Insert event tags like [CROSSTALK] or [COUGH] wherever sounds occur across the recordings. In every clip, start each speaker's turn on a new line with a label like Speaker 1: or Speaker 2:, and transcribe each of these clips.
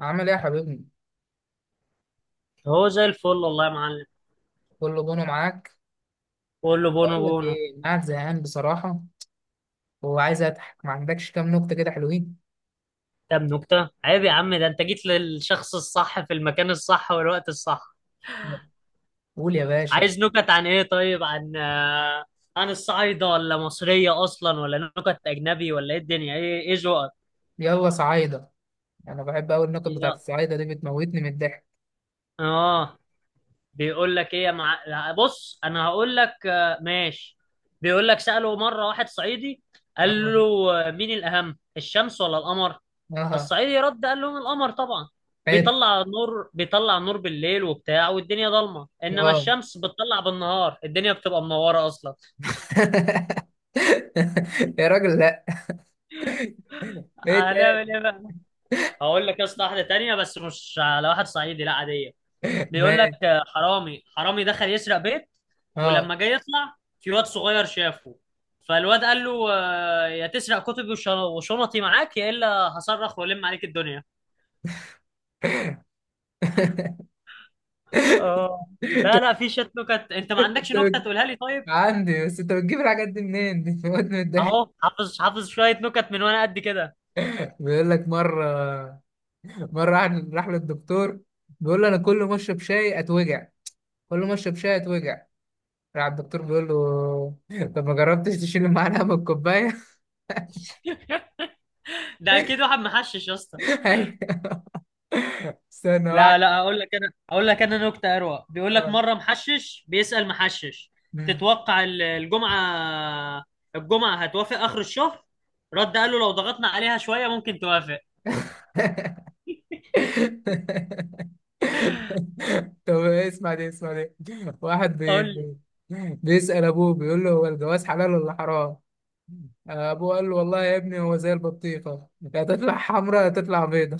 Speaker 1: عامل ايه يا حبيبي؟
Speaker 2: هو زي الفل والله يا معلم.
Speaker 1: كله جونه معاك؟
Speaker 2: بقول له بونو
Speaker 1: اقول لك
Speaker 2: بونو.
Speaker 1: ايه، انا قاعد زهقان بصراحة وعايز اضحك. ما عندكش كام نكتة كده حلوين؟
Speaker 2: طب نكتة عيب يا عم، ده انت جيت للشخص الصح في المكان الصح والوقت الصح.
Speaker 1: قول يا باشا.
Speaker 2: عايز نكت عن ايه؟ طيب عن عن الصعايدة ولا مصرية اصلا ولا نكت اجنبي ولا ايه الدنيا؟ ايه ذوقك؟
Speaker 1: يلا صعايدة. انا بحب اوي النكت بتاعت
Speaker 2: يا-
Speaker 1: الصعايدة دي، بتموتني من الضحك.
Speaker 2: اه بيقول لك ايه يا مع... لا، بص انا هقول لك، ماشي. بيقول لك: سأله مرة واحد صعيدي،
Speaker 1: اه.
Speaker 2: قال له مين الأهم، الشمس ولا القمر؟
Speaker 1: اه.
Speaker 2: الصعيدي رد قال لهم: القمر طبعا،
Speaker 1: حلو.
Speaker 2: بيطلع نور، بالليل وبتاع، والدنيا ضلمه،
Speaker 1: اه.
Speaker 2: انما الشمس بتطلع بالنهار، الدنيا بتبقى منوره اصلا.
Speaker 1: [LAUGHS] يا راجل، لا. [LAUGHS] ايه
Speaker 2: هنعمل
Speaker 1: تاني؟
Speaker 2: ايه بقى. هقول لك يا اسطى واحده تانيه، بس مش على واحد صعيدي، لا عاديه. بيقول لك:
Speaker 1: ماشي.
Speaker 2: حرامي دخل يسرق بيت،
Speaker 1: اه.
Speaker 2: ولما جاي يطلع، في واد صغير شافه. فالواد قال له: يا تسرق كتبي وشنطي معاك يا الا هصرخ والم عليك الدنيا.
Speaker 1: [LAUGHS]
Speaker 2: اه، لا لا، في شت نكت، انت ما
Speaker 1: انت
Speaker 2: عندكش نكته
Speaker 1: بت-
Speaker 2: تقولها لي طيب؟
Speaker 1: عندي، بس انت بتجيب الحاجات دي منين؟ دي بتموتني من الضحك.
Speaker 2: اهو، حافظ شويه نكت من وانا قد كده.
Speaker 1: بيقول لك مره راح للدكتور، بيقول له انا كل ما اشرب شاي اتوجع، كل ما اشرب شاي اتوجع. راح الدكتور بيقول له [LAUGHS] طب ما جربتش تشيل المعلقه من الكوبايه؟ [LAUGHS]
Speaker 2: [LAUGHS] ده اكيد واحد محشش يا اسطى.
Speaker 1: أيوة. استنى واحد.
Speaker 2: لا لا، اقول لك انا نكته اروق. بيقول لك
Speaker 1: اه.
Speaker 2: مره محشش بيسأل محشش:
Speaker 1: مم.
Speaker 2: تتوقع الجمعه، هتوافق اخر الشهر؟ رد قال له: لو ضغطنا عليها شويه ممكن توافق.
Speaker 1: [LAUGHS] طب اسمع دي، اسمع دي.
Speaker 2: قول.
Speaker 1: بيسأل ابوه، بيقول له هو الجواز حلال ولا حرام؟ ابوه قال له والله يا ابني هو زي البطيخه، يا تطلع حمراء يا تطلع بيضه.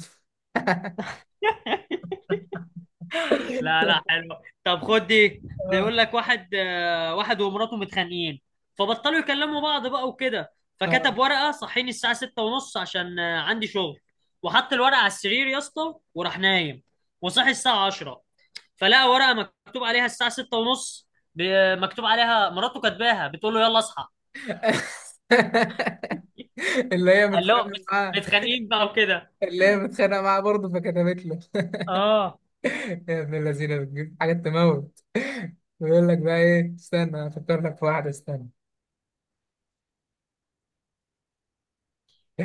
Speaker 2: لا لا، حلو. طب خد دي،
Speaker 1: [LAUGHS] اه.
Speaker 2: بيقول لك واحد، واحد ومراته متخانقين، فبطلوا يكلموا بعض بقى وكده،
Speaker 1: اه.
Speaker 2: فكتب ورقة: صحيني الساعة ستة ونص عشان عندي شغل. وحط الورقة على السرير يا اسطى وراح نايم، وصحي الساعة عشرة، فلقى ورقة مكتوب عليها: الساعة ستة ونص، مكتوب عليها مراته كاتباها بتقول له يلا اصحى.
Speaker 1: [LAUGHS] اللي هي
Speaker 2: قال له:
Speaker 1: متخانقه معاه.
Speaker 2: متخانقين بقى وكده.
Speaker 1: اللي هي متخانقه معاه برضه، فكتبت له
Speaker 2: اه.
Speaker 1: يا ابن الذين بتجيب حاجات تموت. ويقول لك بقى ايه، استنى افكر لك في واحده، استنى.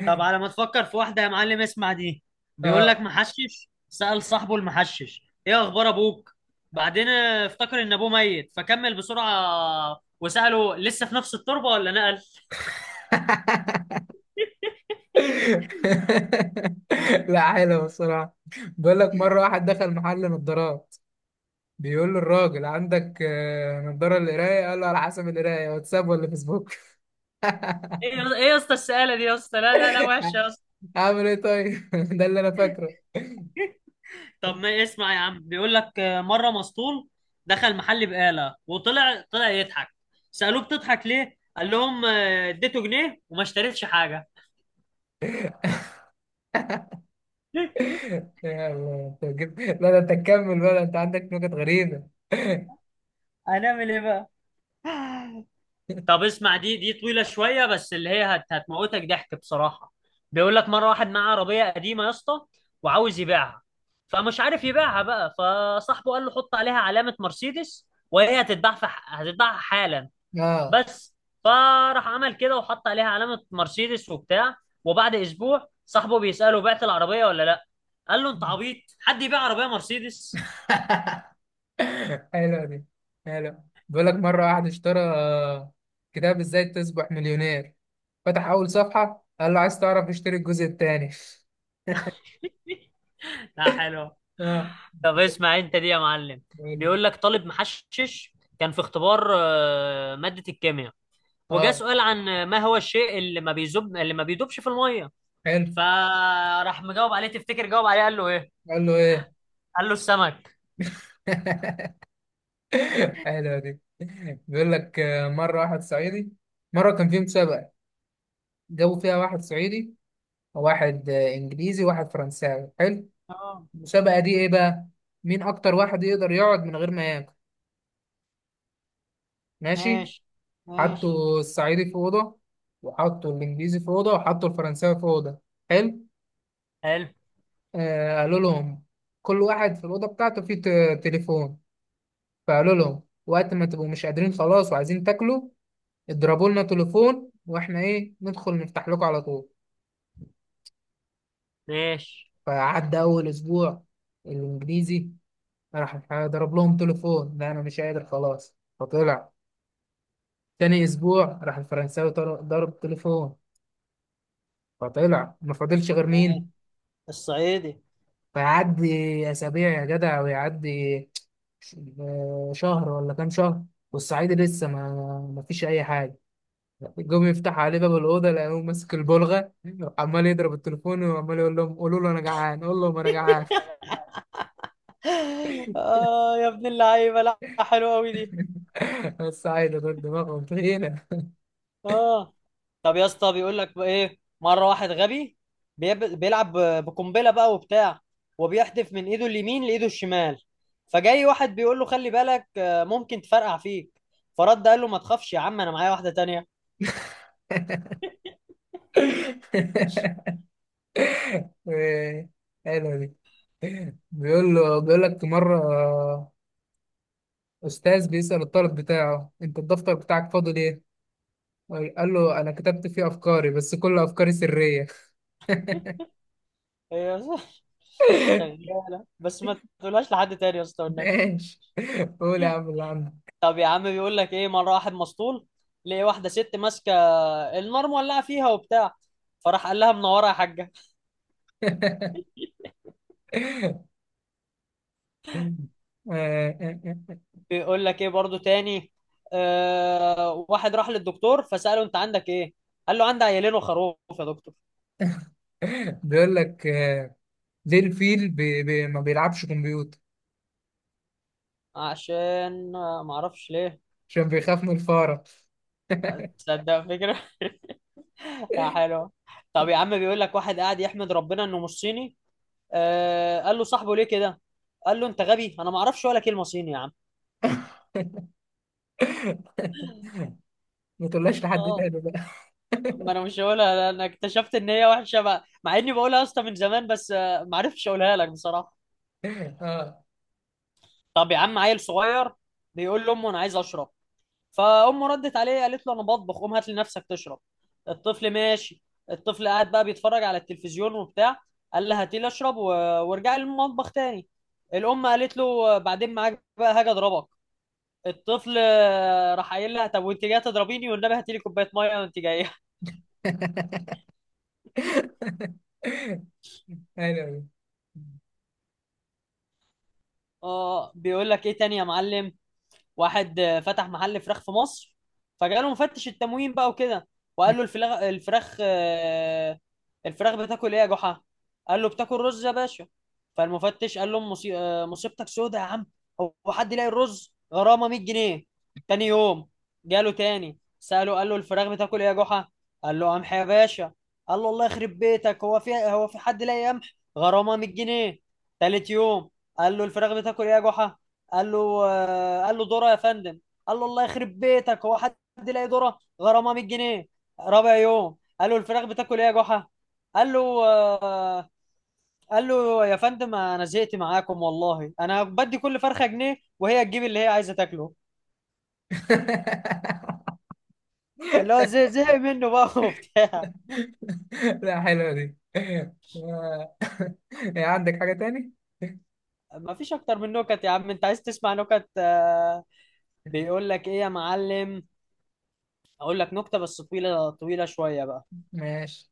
Speaker 2: طب على ما تفكر في واحدة يا معلم، اسمع دي. بيقول لك
Speaker 1: اه.
Speaker 2: محشش سأل صاحبه المحشش: ايه اخبار ابوك؟ بعدين افتكر ان ابوه ميت، فكمل بسرعة وسأله: لسه في نفس التربة ولا نقل؟
Speaker 1: [LAUGHS] لا، حلو بصراحه. بيقول لك مره واحد دخل محل نظارات، بيقول له الراجل عندك نظاره للقرايه؟ قال له على حسب القرايه، واتساب ولا فيسبوك؟ [LAUGHS]
Speaker 2: ايه ايه يا اسطى السؤالة دي يا اسطى، لا لا لا، وحشة يا اسطى.
Speaker 1: اعمل ايه طيب؟ [LAUGHS] ده اللي انا فاكره.
Speaker 2: طب ما اسمع يا عم. بيقول لك، مرة مسطول دخل محل بقالة، طلع يضحك. سألوه: بتضحك ليه؟ قال لهم: اديته جنيه وما اشتريتش حاجة.
Speaker 1: [LAUGHS]
Speaker 2: [LAUGHS]
Speaker 1: يا الله، انت جبت، لا ده انت تكمل بقى، ده انت عندك نكت غريبة. [LAUGHS]
Speaker 2: هنعمل ايه بقى. طب اسمع دي، طويلة شوية، بس اللي هي هتموتك ضحك بصراحة. بيقول لك مرة واحد معاه عربية قديمة يا اسطى، وعاوز يبيعها، فمش عارف يبيعها بقى. فصاحبه قال له: حط عليها علامة مرسيدس وهي هتتباع في هتتباع حالا،
Speaker 1: اه.
Speaker 2: بس. فراح عمل كده وحط عليها علامة مرسيدس وبتاع، وبعد أسبوع صاحبه بيسأله: بعت العربية ولا لأ؟ قال له: أنت عبيط، حد يبيع عربية مرسيدس؟
Speaker 1: حلوة دي. حلوة. بيقول لك مرة واحد اشترى كتاب ازاي تصبح مليونير، فتح أول صفحة، قال له عايز تعرف اشتري الجزء الثاني. [LAUGHS]
Speaker 2: [LAUGHS] لا حلو.
Speaker 1: اه.
Speaker 2: طب اسمع انت دي يا معلم.
Speaker 1: بيقول له،
Speaker 2: بيقول لك طالب محشش كان في اختبار مادة الكيمياء، وجا
Speaker 1: اه
Speaker 2: سؤال عن ما هو الشيء اللي ما بيذوب، اللي ما بيدوبش في المية.
Speaker 1: حلو.
Speaker 2: فراح مجاوب عليه. تفتكر جاوب عليه قال له ايه؟
Speaker 1: قال له ايه؟
Speaker 2: قال له: السمك.
Speaker 1: [LAUGHS] حلوة دي. بيقول لك مرة واحد صعيدي. مرة كان في مسابقة، جابوا فيها واحد صعيدي، واحد انجليزي، وواحد فرنساوي. حلو.
Speaker 2: اه،
Speaker 1: المسابقه دي ايه بقى؟ مين اكتر واحد يقدر يقعد من غير ما ياكل. ماشي.
Speaker 2: ماشي ماشي،
Speaker 1: حطوا الصعيدي في اوضه، وحطوا الانجليزي في اوضه، وحطوا الفرنساوي في اوضه. حلو.
Speaker 2: حلو.
Speaker 1: آه، قالوا لهم كل واحد في الاوضه بتاعته فيه تليفون، فقالوا لهم وقت ما تبقوا مش قادرين خلاص وعايزين تاكلوا اضربوا لنا تليفون، واحنا ايه ندخل نفتح لكم على طول.
Speaker 2: ماشي
Speaker 1: فعدى اول اسبوع، الانجليزي راح ضرب لهم تليفون، لا انا مش قادر خلاص، فطلع. تاني اسبوع راح الفرنساوي، ضرب تليفون فطلع. ما فاضلش غير
Speaker 2: ماشي،
Speaker 1: مين؟
Speaker 2: الصعيدي.
Speaker 1: فيعدي اسابيع يا جدع، ويعدي شهر ولا كام شهر، والصعيدي لسه ما فيش اي حاجه. جم يفتح عليه باب الاوضه، لقوه ماسك البلغه، عمال يضرب التليفون وعمال يقول لهم قولوا له انا جعان، قول لهم انا جعان.
Speaker 2: [LAUGHS] اه يا ابن اللعيبه، لا حلوه قوي دي.
Speaker 1: [LAUGHS] الصعيدي دول دماغهم تخينه.
Speaker 2: اه. طب يا اسطى بيقول لك بقى ايه، مره واحد غبي بيلعب بقنبله بقى وبتاع، وبيحدف من ايده اليمين لايده الشمال. فجاي واحد بيقول له: خلي بالك، ممكن تفرقع فيك. فرد قال له: ما تخافش يا عم، انا معايا واحده تانية.
Speaker 1: [LAUGHS] حلوه دي. بيقول لك مرة أستاذ بيسأل الطالب بتاعه، أنت الدفتر بتاعك فاضي ليه؟ قال له أنا كتبت فيه أفكاري، بس كل أفكاري سرية.
Speaker 2: هي [LAUGHS]
Speaker 1: [LAUGHS]
Speaker 2: شغاله، بس ما تقولهاش لحد تاني يا اسطى والنبي.
Speaker 1: ماشي. قول يا عم اللي عندك.
Speaker 2: طب يا عم بيقول لك ايه، مره واحد مسطول لقي واحده ست ماسكه النار مولعه فيها وبتاع، فراح قال لها: منوره يا حاجه.
Speaker 1: [LAUGHS]
Speaker 2: بيقول لك ايه برضو تاني. آه، واحد راح للدكتور، فسأله: انت عندك ايه؟ قال له: عندي عيالين وخروف يا دكتور.
Speaker 1: بيقول لك ليه الفيل بي بي ما بيلعبش كمبيوتر؟
Speaker 2: عشان معرفش ليه.
Speaker 1: عشان بيخاف من الفارة.
Speaker 2: تصدق فكرة. [LAUGHS] يا حلوة. طب يا عم بيقول لك واحد قاعد يحمد ربنا انه مش صيني. آه، قال له صاحبه: ليه كده؟ قال له: انت غبي، انا معرفش ولا كلمة صيني يا عم.
Speaker 1: ما تقولهاش لحد
Speaker 2: اه،
Speaker 1: تاني بقى.
Speaker 2: ما انا مش هقولها، انا اكتشفت ان هي وحشة بقى، مع اني بقولها يا اسطى من زمان، بس معرفتش اقولها لك بصراحة.
Speaker 1: [LAUGHS] اه.
Speaker 2: طب يا عم، عيل صغير بيقول لامه: انا عايز اشرب. فامه ردت عليه قالت له: انا بطبخ، قوم هات لنفسك تشرب. الطفل ماشي. الطفل قاعد بقى بيتفرج على التلفزيون وبتاع، قال لها: هاتي لي اشرب وارجع لي المطبخ تاني. الام قالت له: بعدين معاك بقى، هاجي اضربك. الطفل راح قايل لها: طب وانت جايه تضربيني والنبي هاتي لي كوبايه ميه وانت جايه. [LAUGHS]
Speaker 1: حلو.
Speaker 2: اه، بيقول لك ايه تاني يا معلم. واحد فتح محل فراخ في مصر، فجاله مفتش التموين بقى وكده، وقال له: الفراخ، الفراخ بتاكل ايه يا جحا؟ قال له: بتاكل رز يا باشا. فالمفتش قال له: مصيبتك سودة يا عم، هو حد يلاقي الرز؟ غرامة 100 جنيه. تاني يوم جاله تاني سأله قال له: الفراخ بتاكل ايه يا جحا؟ قال له: قمح يا باشا. قال له: الله يخرب بيتك، هو في حد لاقي قمح؟ غرامة 100 جنيه. تالت يوم قال له: الفراخ بتاكل ايه يا جحا؟ قال له، قال له: ذره يا فندم. قال له: الله يخرب بيتك، هو حد يلاقي ذره؟ غرامه 100 جنيه. رابع يوم قال له: الفراخ بتاكل ايه يا جحا؟ قال له، آه، قال له: يا فندم انا زهقت معاكم والله، انا بدي كل فرخه جنيه وهي تجيب اللي هي عايزه تاكله.
Speaker 1: [LAUGHS]
Speaker 2: اللي هو زي زهق منه بقى [LAUGHS] وبتاع.
Speaker 1: [LAUGHS] لا، حلوة دي. آه. [LAUGHS] عندك حاجة تاني؟
Speaker 2: ما فيش اكتر من نكت يا عم، انت عايز تسمع نكت؟ بيقول لك ايه يا معلم، اقول لك نكته بس طويله شويه بقى.
Speaker 1: ماشي.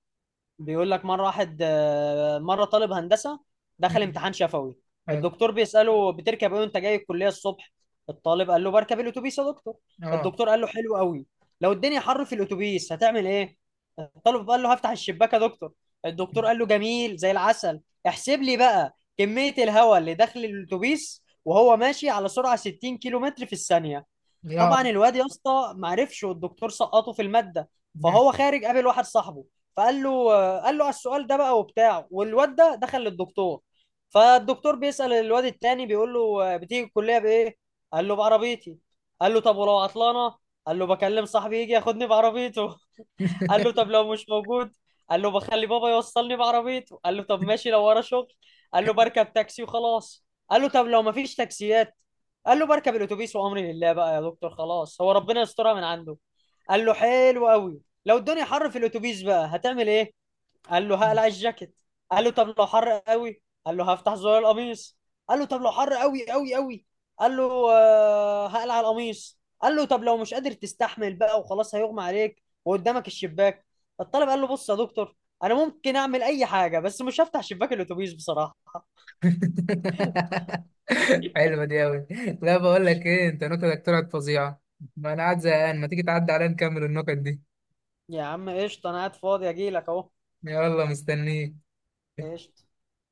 Speaker 2: بيقول لك مرة واحد، آه، مرة طالب هندسة دخل
Speaker 1: مم.
Speaker 2: امتحان شفوي.
Speaker 1: حلو.
Speaker 2: الدكتور بيسأله: بتركب ايه وانت جاي الكلية الصبح؟ الطالب قال له: بركب الاتوبيس يا دكتور.
Speaker 1: اه.
Speaker 2: الدكتور قال له: حلو قوي، لو الدنيا حر في الاتوبيس هتعمل ايه؟ الطالب قال له: هفتح الشباك يا دكتور. الدكتور قال له: جميل زي العسل، احسب لي بقى كمية الهواء اللي داخل الاتوبيس وهو ماشي على سرعة 60 كيلو متر في الثانية.
Speaker 1: يا
Speaker 2: طبعا الواد يا اسطى ما عرفش، والدكتور سقطه في الماده.
Speaker 1: مم.
Speaker 2: فهو خارج قابل واحد صاحبه، فقال له، قال له على السؤال ده بقى وبتاع، والواد ده دخل للدكتور. فالدكتور بيسأل الواد التاني بيقول له: بتيجي الكليه بايه؟ قال له: بعربيتي. قال له: طب ولو عطلانه؟ قال له: بكلم صاحبي يجي ياخدني بعربيته. قال له: طب لو مش موجود؟ قال له: بخلي بابا يوصلني بعربيته. قال له: طب ماشي، لو ورا شغل؟ قال له: بركب تاكسي وخلاص. قال له: طب لو مفيش تاكسيات؟ قال له: بركب الاتوبيس وامري لله بقى يا دكتور، خلاص هو ربنا يسترها من عنده. قال له: حلو قوي، لو الدنيا حر في الاتوبيس بقى هتعمل ايه؟ قال له: هقلع الجاكيت. قال له: طب لو حر قوي؟ قال له: هفتح زرار القميص. قال له: طب لو حر قوي قوي قوي؟ قال له: هقلع القميص. قال له: طب لو مش قادر تستحمل بقى وخلاص هيغمى عليك وقدامك الشباك؟ الطالب قال له: بص يا دكتور، انا ممكن اعمل اي حاجه، بس مش هفتح شباك الاتوبيس بصراحه.
Speaker 1: [LAUGHS] حلوة دي أوي. لا بقول لك إيه، أنت نكتك طلعت فظيعة، ما أنا قاعد زهقان، ما تيجي تعدي عليا نكمل النكت دي.
Speaker 2: يا عم قشطه، انا قاعد فاضي اجي لك اهو.
Speaker 1: يلا مستنيك.
Speaker 2: قشطه.